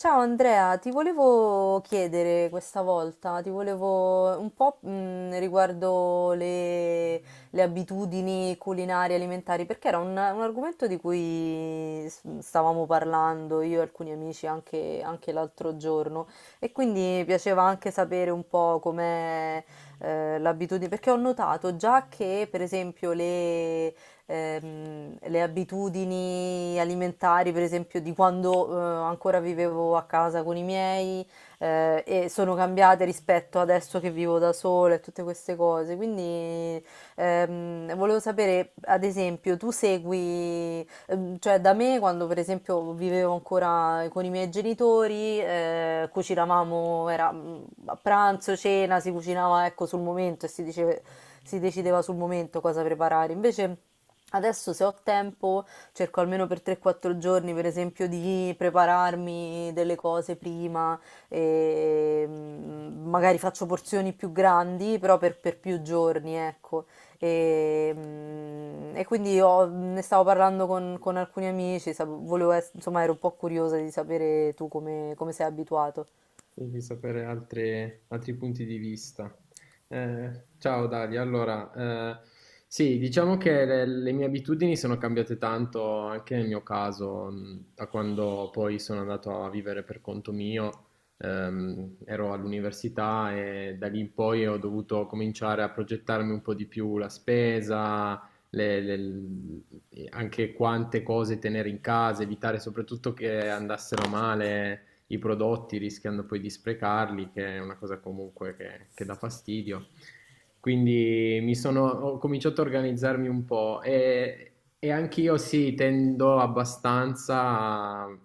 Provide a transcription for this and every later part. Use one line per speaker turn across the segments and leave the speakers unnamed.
Ciao Andrea, ti volevo chiedere questa volta, ti volevo un po' riguardo le abitudini culinarie alimentari, perché era un argomento di cui stavamo parlando io e alcuni amici anche, anche l'altro giorno e quindi mi piaceva anche sapere un po' com'è l'abitudine, perché ho notato già che per esempio le abitudini alimentari, per esempio, di quando ancora vivevo a casa con i miei e sono cambiate rispetto adesso che vivo da sola e tutte queste cose. Quindi volevo sapere, ad esempio, tu segui, cioè da me quando per esempio vivevo ancora con i miei genitori, cucinavamo, era a pranzo, cena, si cucinava ecco sul momento e si decideva sul momento cosa preparare. Invece adesso se ho tempo cerco almeno per 3-4 giorni, per esempio, di prepararmi delle cose prima, e magari faccio porzioni più grandi, però per più giorni, ecco. E quindi ne stavo parlando con alcuni amici, volevo insomma ero un po' curiosa di sapere tu come, come sei abituato.
E di sapere altri punti di vista. Ciao Dalia, allora, sì, diciamo che le mie abitudini sono cambiate tanto anche nel mio caso, da quando poi sono andato a vivere per conto mio, ero all'università e da lì in poi ho dovuto cominciare a progettarmi un po' di più la spesa, le- le- anche quante cose tenere in casa, evitare soprattutto che andassero male i prodotti rischiando poi di sprecarli, che è una cosa comunque che dà fastidio. Quindi ho cominciato a organizzarmi un po' e anch'io sì, tendo abbastanza a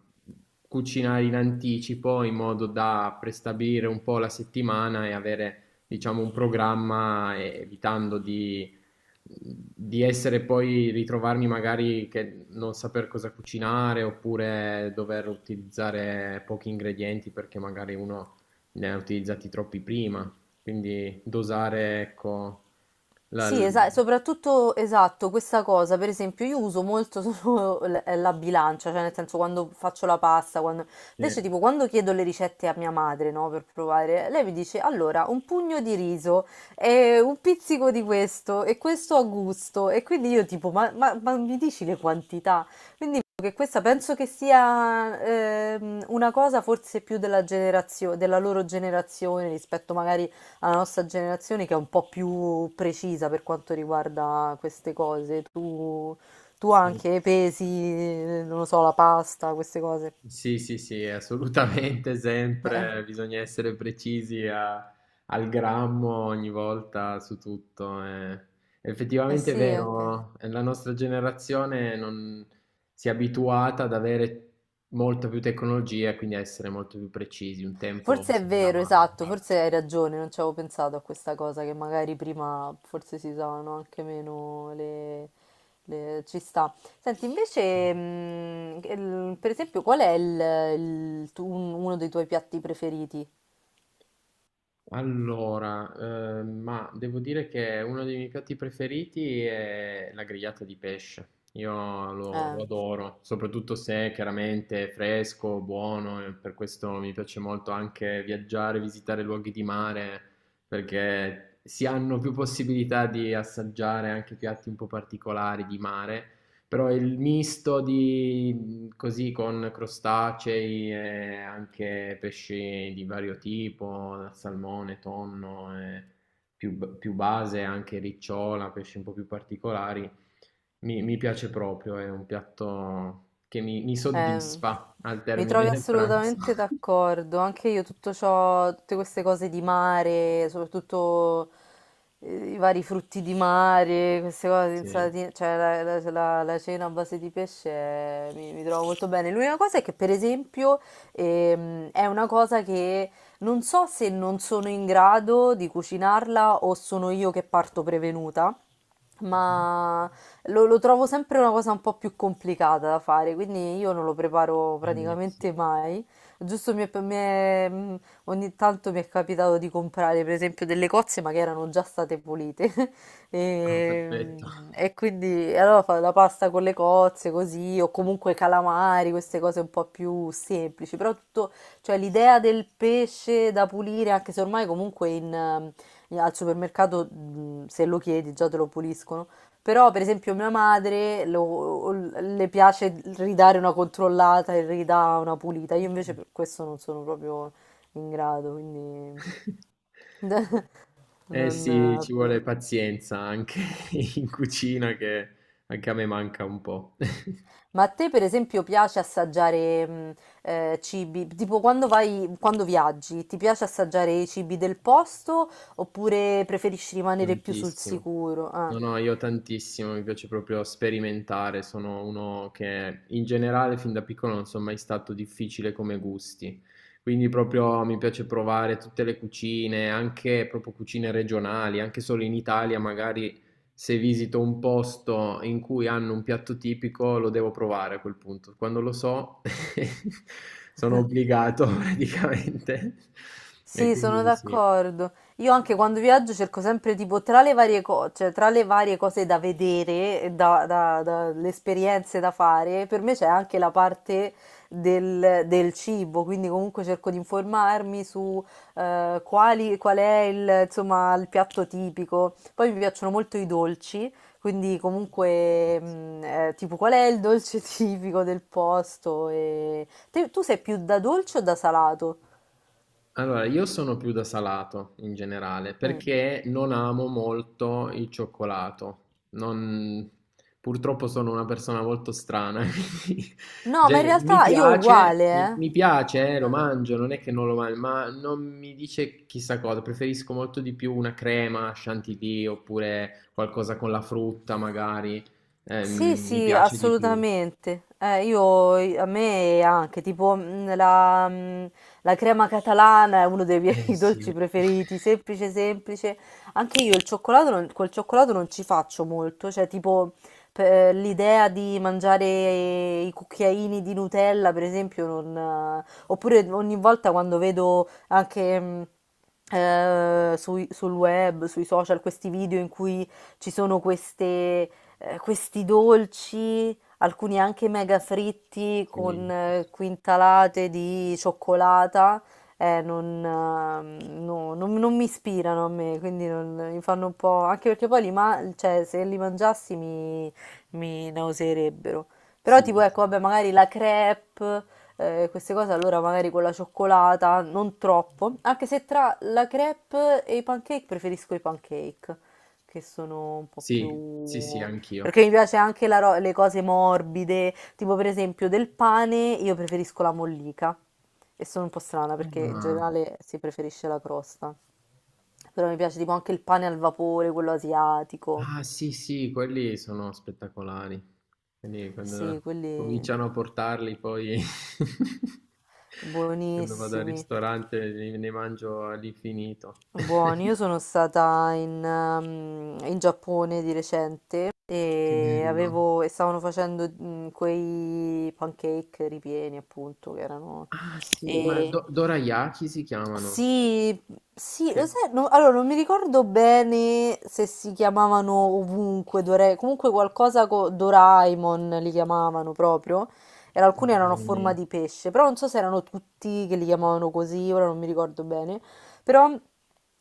cucinare in anticipo in modo da prestabilire un po' la settimana e avere, diciamo, un programma, evitando di essere poi ritrovarmi magari che non saper cosa cucinare oppure dover utilizzare pochi ingredienti perché magari uno ne ha utilizzati troppi prima. Quindi dosare, ecco, la...
Sì,
l-
esatto, soprattutto esatto, questa cosa, per esempio, io uso molto solo la bilancia, cioè nel senso quando faccio la pasta, quando...
sì,
invece tipo quando chiedo le ricette a mia madre, no, per provare, lei mi dice allora un pugno di riso e un pizzico di questo e questo a gusto e quindi io tipo ma mi dici le quantità? Quindi che questa penso che sia una cosa forse più della della loro generazione rispetto magari alla nostra generazione che è un po' più precisa per quanto riguarda queste cose. Tu
sì.
anche pesi, non lo so, la pasta, queste cose.
Sì, sì, sì, assolutamente,
Eh,
sempre bisogna essere al grammo ogni volta su tutto. Eh.
eh
Effettivamente è
sì, anche.
vero, la nostra generazione non si è abituata ad avere molta più tecnologia, quindi a essere molto più precisi. Un tempo
Forse è
si
vero,
andava
esatto,
a
forse
braccio.
hai ragione, non ci avevo pensato a questa cosa che magari prima forse si usavano anche meno Ci sta. Senti, invece, per esempio, qual è il uno dei tuoi piatti preferiti?
Allora, ma devo dire che uno dei miei piatti preferiti è la grigliata di pesce. Io lo
Eh.
adoro, soprattutto se chiaramente è fresco, buono, e per questo mi piace molto anche viaggiare, visitare luoghi di mare, perché si hanno più possibilità di assaggiare anche piatti un po' particolari di mare però il misto di così con crostacei e anche pesci di vario tipo, da salmone, tonno, e più, più base, anche ricciola, pesci un po' più particolari, mi piace proprio, è un piatto che mi
Eh,
soddisfa al
mi
termine
trovi
del pranzo.
assolutamente d'accordo, anche io tutto ciò, tutte queste cose di mare, soprattutto i vari frutti di mare, queste cose,
Sì.
insalatine, cioè la cena a base di pesce mi trovo molto bene. L'unica cosa è che per esempio è una cosa che non so se non sono in grado di cucinarla o sono io che parto prevenuta
Mhm.
ma lo trovo sempre una cosa un po' più complicata da fare, quindi io non lo preparo
Sì.
praticamente mai. Giusto ogni tanto mi è capitato di comprare, per esempio, delle cozze, ma che erano già state pulite.
Ah, perfetto.
E quindi e allora fa la pasta con le cozze, così, o comunque calamari, queste cose un po' più semplici. Però tutto, cioè l'idea del pesce da pulire, anche se ormai comunque al supermercato, se lo chiedi, già te lo puliscono. Però, per esempio, mia madre le piace ridare una controllata e ridà una pulita. Io invece per questo non sono proprio in grado, quindi
Eh sì,
non...
ci vuole pazienza anche in cucina che anche a me manca un po',
Ma a te, per esempio, piace assaggiare cibi? Tipo quando vai, quando viaggi, ti piace assaggiare i cibi del posto oppure preferisci rimanere più sul
tantissimo.
sicuro? Ah.
No, no, io tantissimo, mi piace proprio sperimentare, sono uno che in generale fin da piccolo non sono mai stato difficile come gusti, quindi proprio mi piace provare tutte le cucine, anche proprio cucine regionali, anche solo in Italia, magari se visito un posto in cui hanno un piatto tipico lo devo provare a quel punto, quando lo so sono obbligato praticamente e
Sì, sono
quindi sì.
d'accordo. Io anche quando viaggio cerco sempre tipo tra le varie cose, cioè tra le varie cose da vedere, e le esperienze da fare, per me c'è anche la parte del cibo, quindi comunque cerco di informarmi su qual è insomma, il piatto tipico. Poi mi piacciono molto i dolci, quindi comunque tipo qual è il dolce tipico del posto. E... Tu sei più da dolce o da salato?
Allora, io sono più da salato in generale
Mm.
perché non amo molto il cioccolato. Non- Purtroppo sono una persona molto strana. Quindi,
No, ma in
cioè, mi
realtà io
piace,
uguale,
mi piace,
eh.
lo mangio, non è che non lo mangio, ma non mi dice chissà cosa. Preferisco molto di più una crema chantilly oppure qualcosa con la frutta, magari.
Sì,
Mi
sì,
piace di più.
assolutamente. A me anche, la crema catalana è uno dei miei
Eh sì,
dolci preferiti, semplice, semplice. Anche io il cioccolato col cioccolato non ci faccio molto, cioè tipo l'idea di mangiare i cucchiaini di Nutella, per esempio, non... oppure ogni volta quando vedo anche... sul web, sui social, questi video in cui ci sono questi dolci, alcuni anche mega fritti con
sì,
quintalate di cioccolata, non, no, non- non mi ispirano a me, quindi mi fanno un po'... anche perché poi cioè, se li mangiassi mi nauseerebbero. Però
sì,
tipo ecco, vabbè, magari la crepe, queste cose allora magari con la cioccolata, non troppo, anche se tra la crepe e i pancake preferisco i pancake che sono un po'
sì, sì, sì,
più
anch'io.
perché mi piace anche le cose morbide, tipo per esempio del pane, io preferisco la mollica. E sono un po' strana perché in
Ah,
generale si preferisce la crosta. Però mi piace tipo anche il pane al vapore, quello asiatico.
ah, sì, sì, quelli sono spettacolari. Quindi
Sì,
quando
quelli
cominciano a portarli poi quando vado al
buonissimi.
ristorante ne mangio all'infinito.
Buoni, io sono stata in, in Giappone di recente
Che
e,
bello.
avevo, e stavano facendo quei pancake ripieni, appunto, che erano...
Ah, sì, ma
E,
dorayaki si chiamano.
sì, sì,
Che,
lo sai, allora non mi ricordo bene se si chiamavano ovunque, comunque qualcosa con Doraemon li chiamavano proprio, e
che
alcuni erano a forma
buoni.
di pesce, però non so se erano tutti che li chiamavano così, ora non mi ricordo bene. Però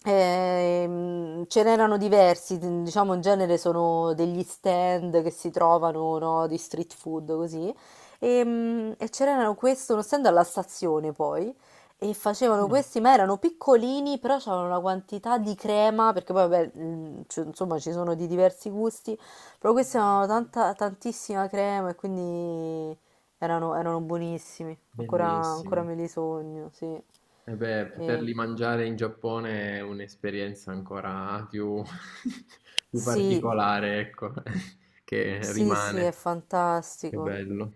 ce n'erano diversi, diciamo in genere sono degli stand che si trovano, no, di street food così. C'erano questo, uno stand alla stazione poi, e facevano
Ah,
questi, ma erano piccolini, però c'avevano una quantità di crema, perché poi vabbè, insomma ci sono di diversi gusti, però questi avevano tantissima crema e quindi erano buonissimi, ancora
bellissimo.
me li sogno, sì.
E beh,
E-
poterli mangiare in Giappone è un'esperienza ancora più, più
Sì,
particolare, ecco, che
sì, sì, è
rimane. Che
fantastico.
bello.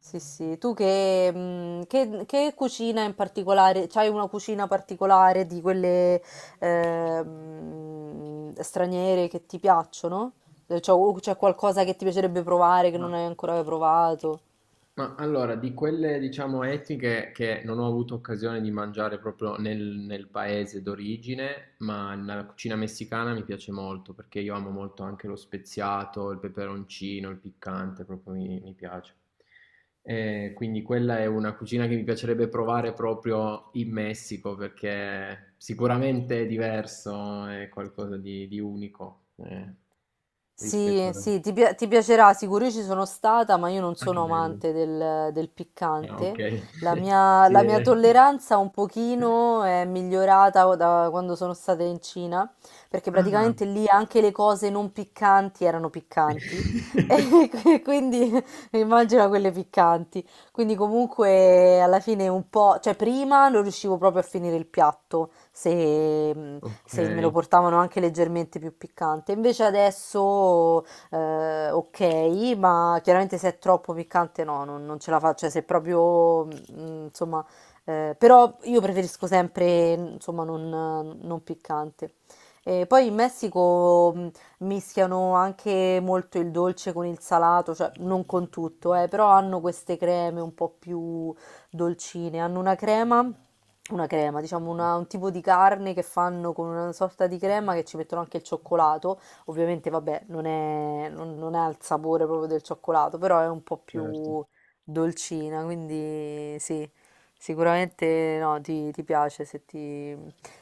Sì, sì. Tu che, che cucina in particolare? C'hai una cucina particolare di quelle straniere che ti piacciono? Cioè, o c'è qualcosa che ti piacerebbe provare che
Ma,
non hai ancora provato?
ma allora, di quelle diciamo etniche che non ho avuto occasione di mangiare proprio nel, nel paese d'origine, ma nella cucina messicana mi piace molto perché io amo molto anche lo speziato, il peperoncino, il piccante, proprio mi piace. Quindi quella è una cucina che mi piacerebbe provare proprio in Messico perché sicuramente è diverso, è qualcosa di unico rispetto
Sì,
a...
sì, ti piacerà sicuro. Io ci sono stata, ma io non
Ah, che
sono
bello.
amante del
Ah,
piccante.
okay. Sì,
La mia tolleranza un pochino è migliorata da quando sono stata in Cina, perché
ah,
praticamente lì anche le cose non piccanti erano piccanti. E quindi immagino quelle piccanti. Quindi comunque alla fine un po', cioè prima non riuscivo proprio a finire il piatto se me lo
okay.
portavano anche leggermente più piccante. Invece adesso ok, ma chiaramente se è troppo piccante no, non ce la faccio, cioè se proprio insomma, però io preferisco sempre insomma non piccante. E poi in Messico mischiano anche molto il dolce con il salato, cioè non con tutto, però hanno queste creme un po' più dolcine, hanno una crema, diciamo un tipo di carne che fanno con una sorta di crema che ci mettono anche il cioccolato, ovviamente vabbè non è, non, non ha il sapore proprio del cioccolato, però è un po'
Certo.
più dolcina, quindi sì, sicuramente no, ti piace se ti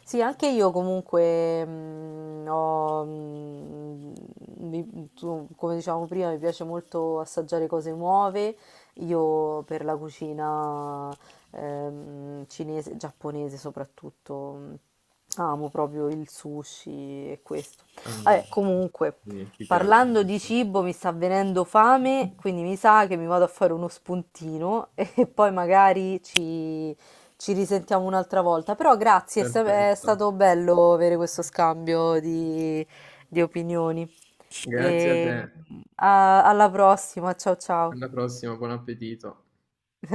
sì, anche io comunque mm, ho, mm, mi- tu- come dicevamo prima, mi piace molto assaggiare cose nuove. Io per la cucina cinese, giapponese soprattutto, amo proprio il sushi e questo.
Ah,
Vabbè, comunque,
sì, ti piace
parlando di
molto.
cibo mi sta venendo fame, quindi mi sa che mi vado a fare uno spuntino e poi magari ci risentiamo un'altra volta. Però grazie, è
Perfetto.
stato bello avere questo scambio di opinioni.
Grazie a
E
te.
alla prossima, ciao ciao.
Alla prossima, buon appetito.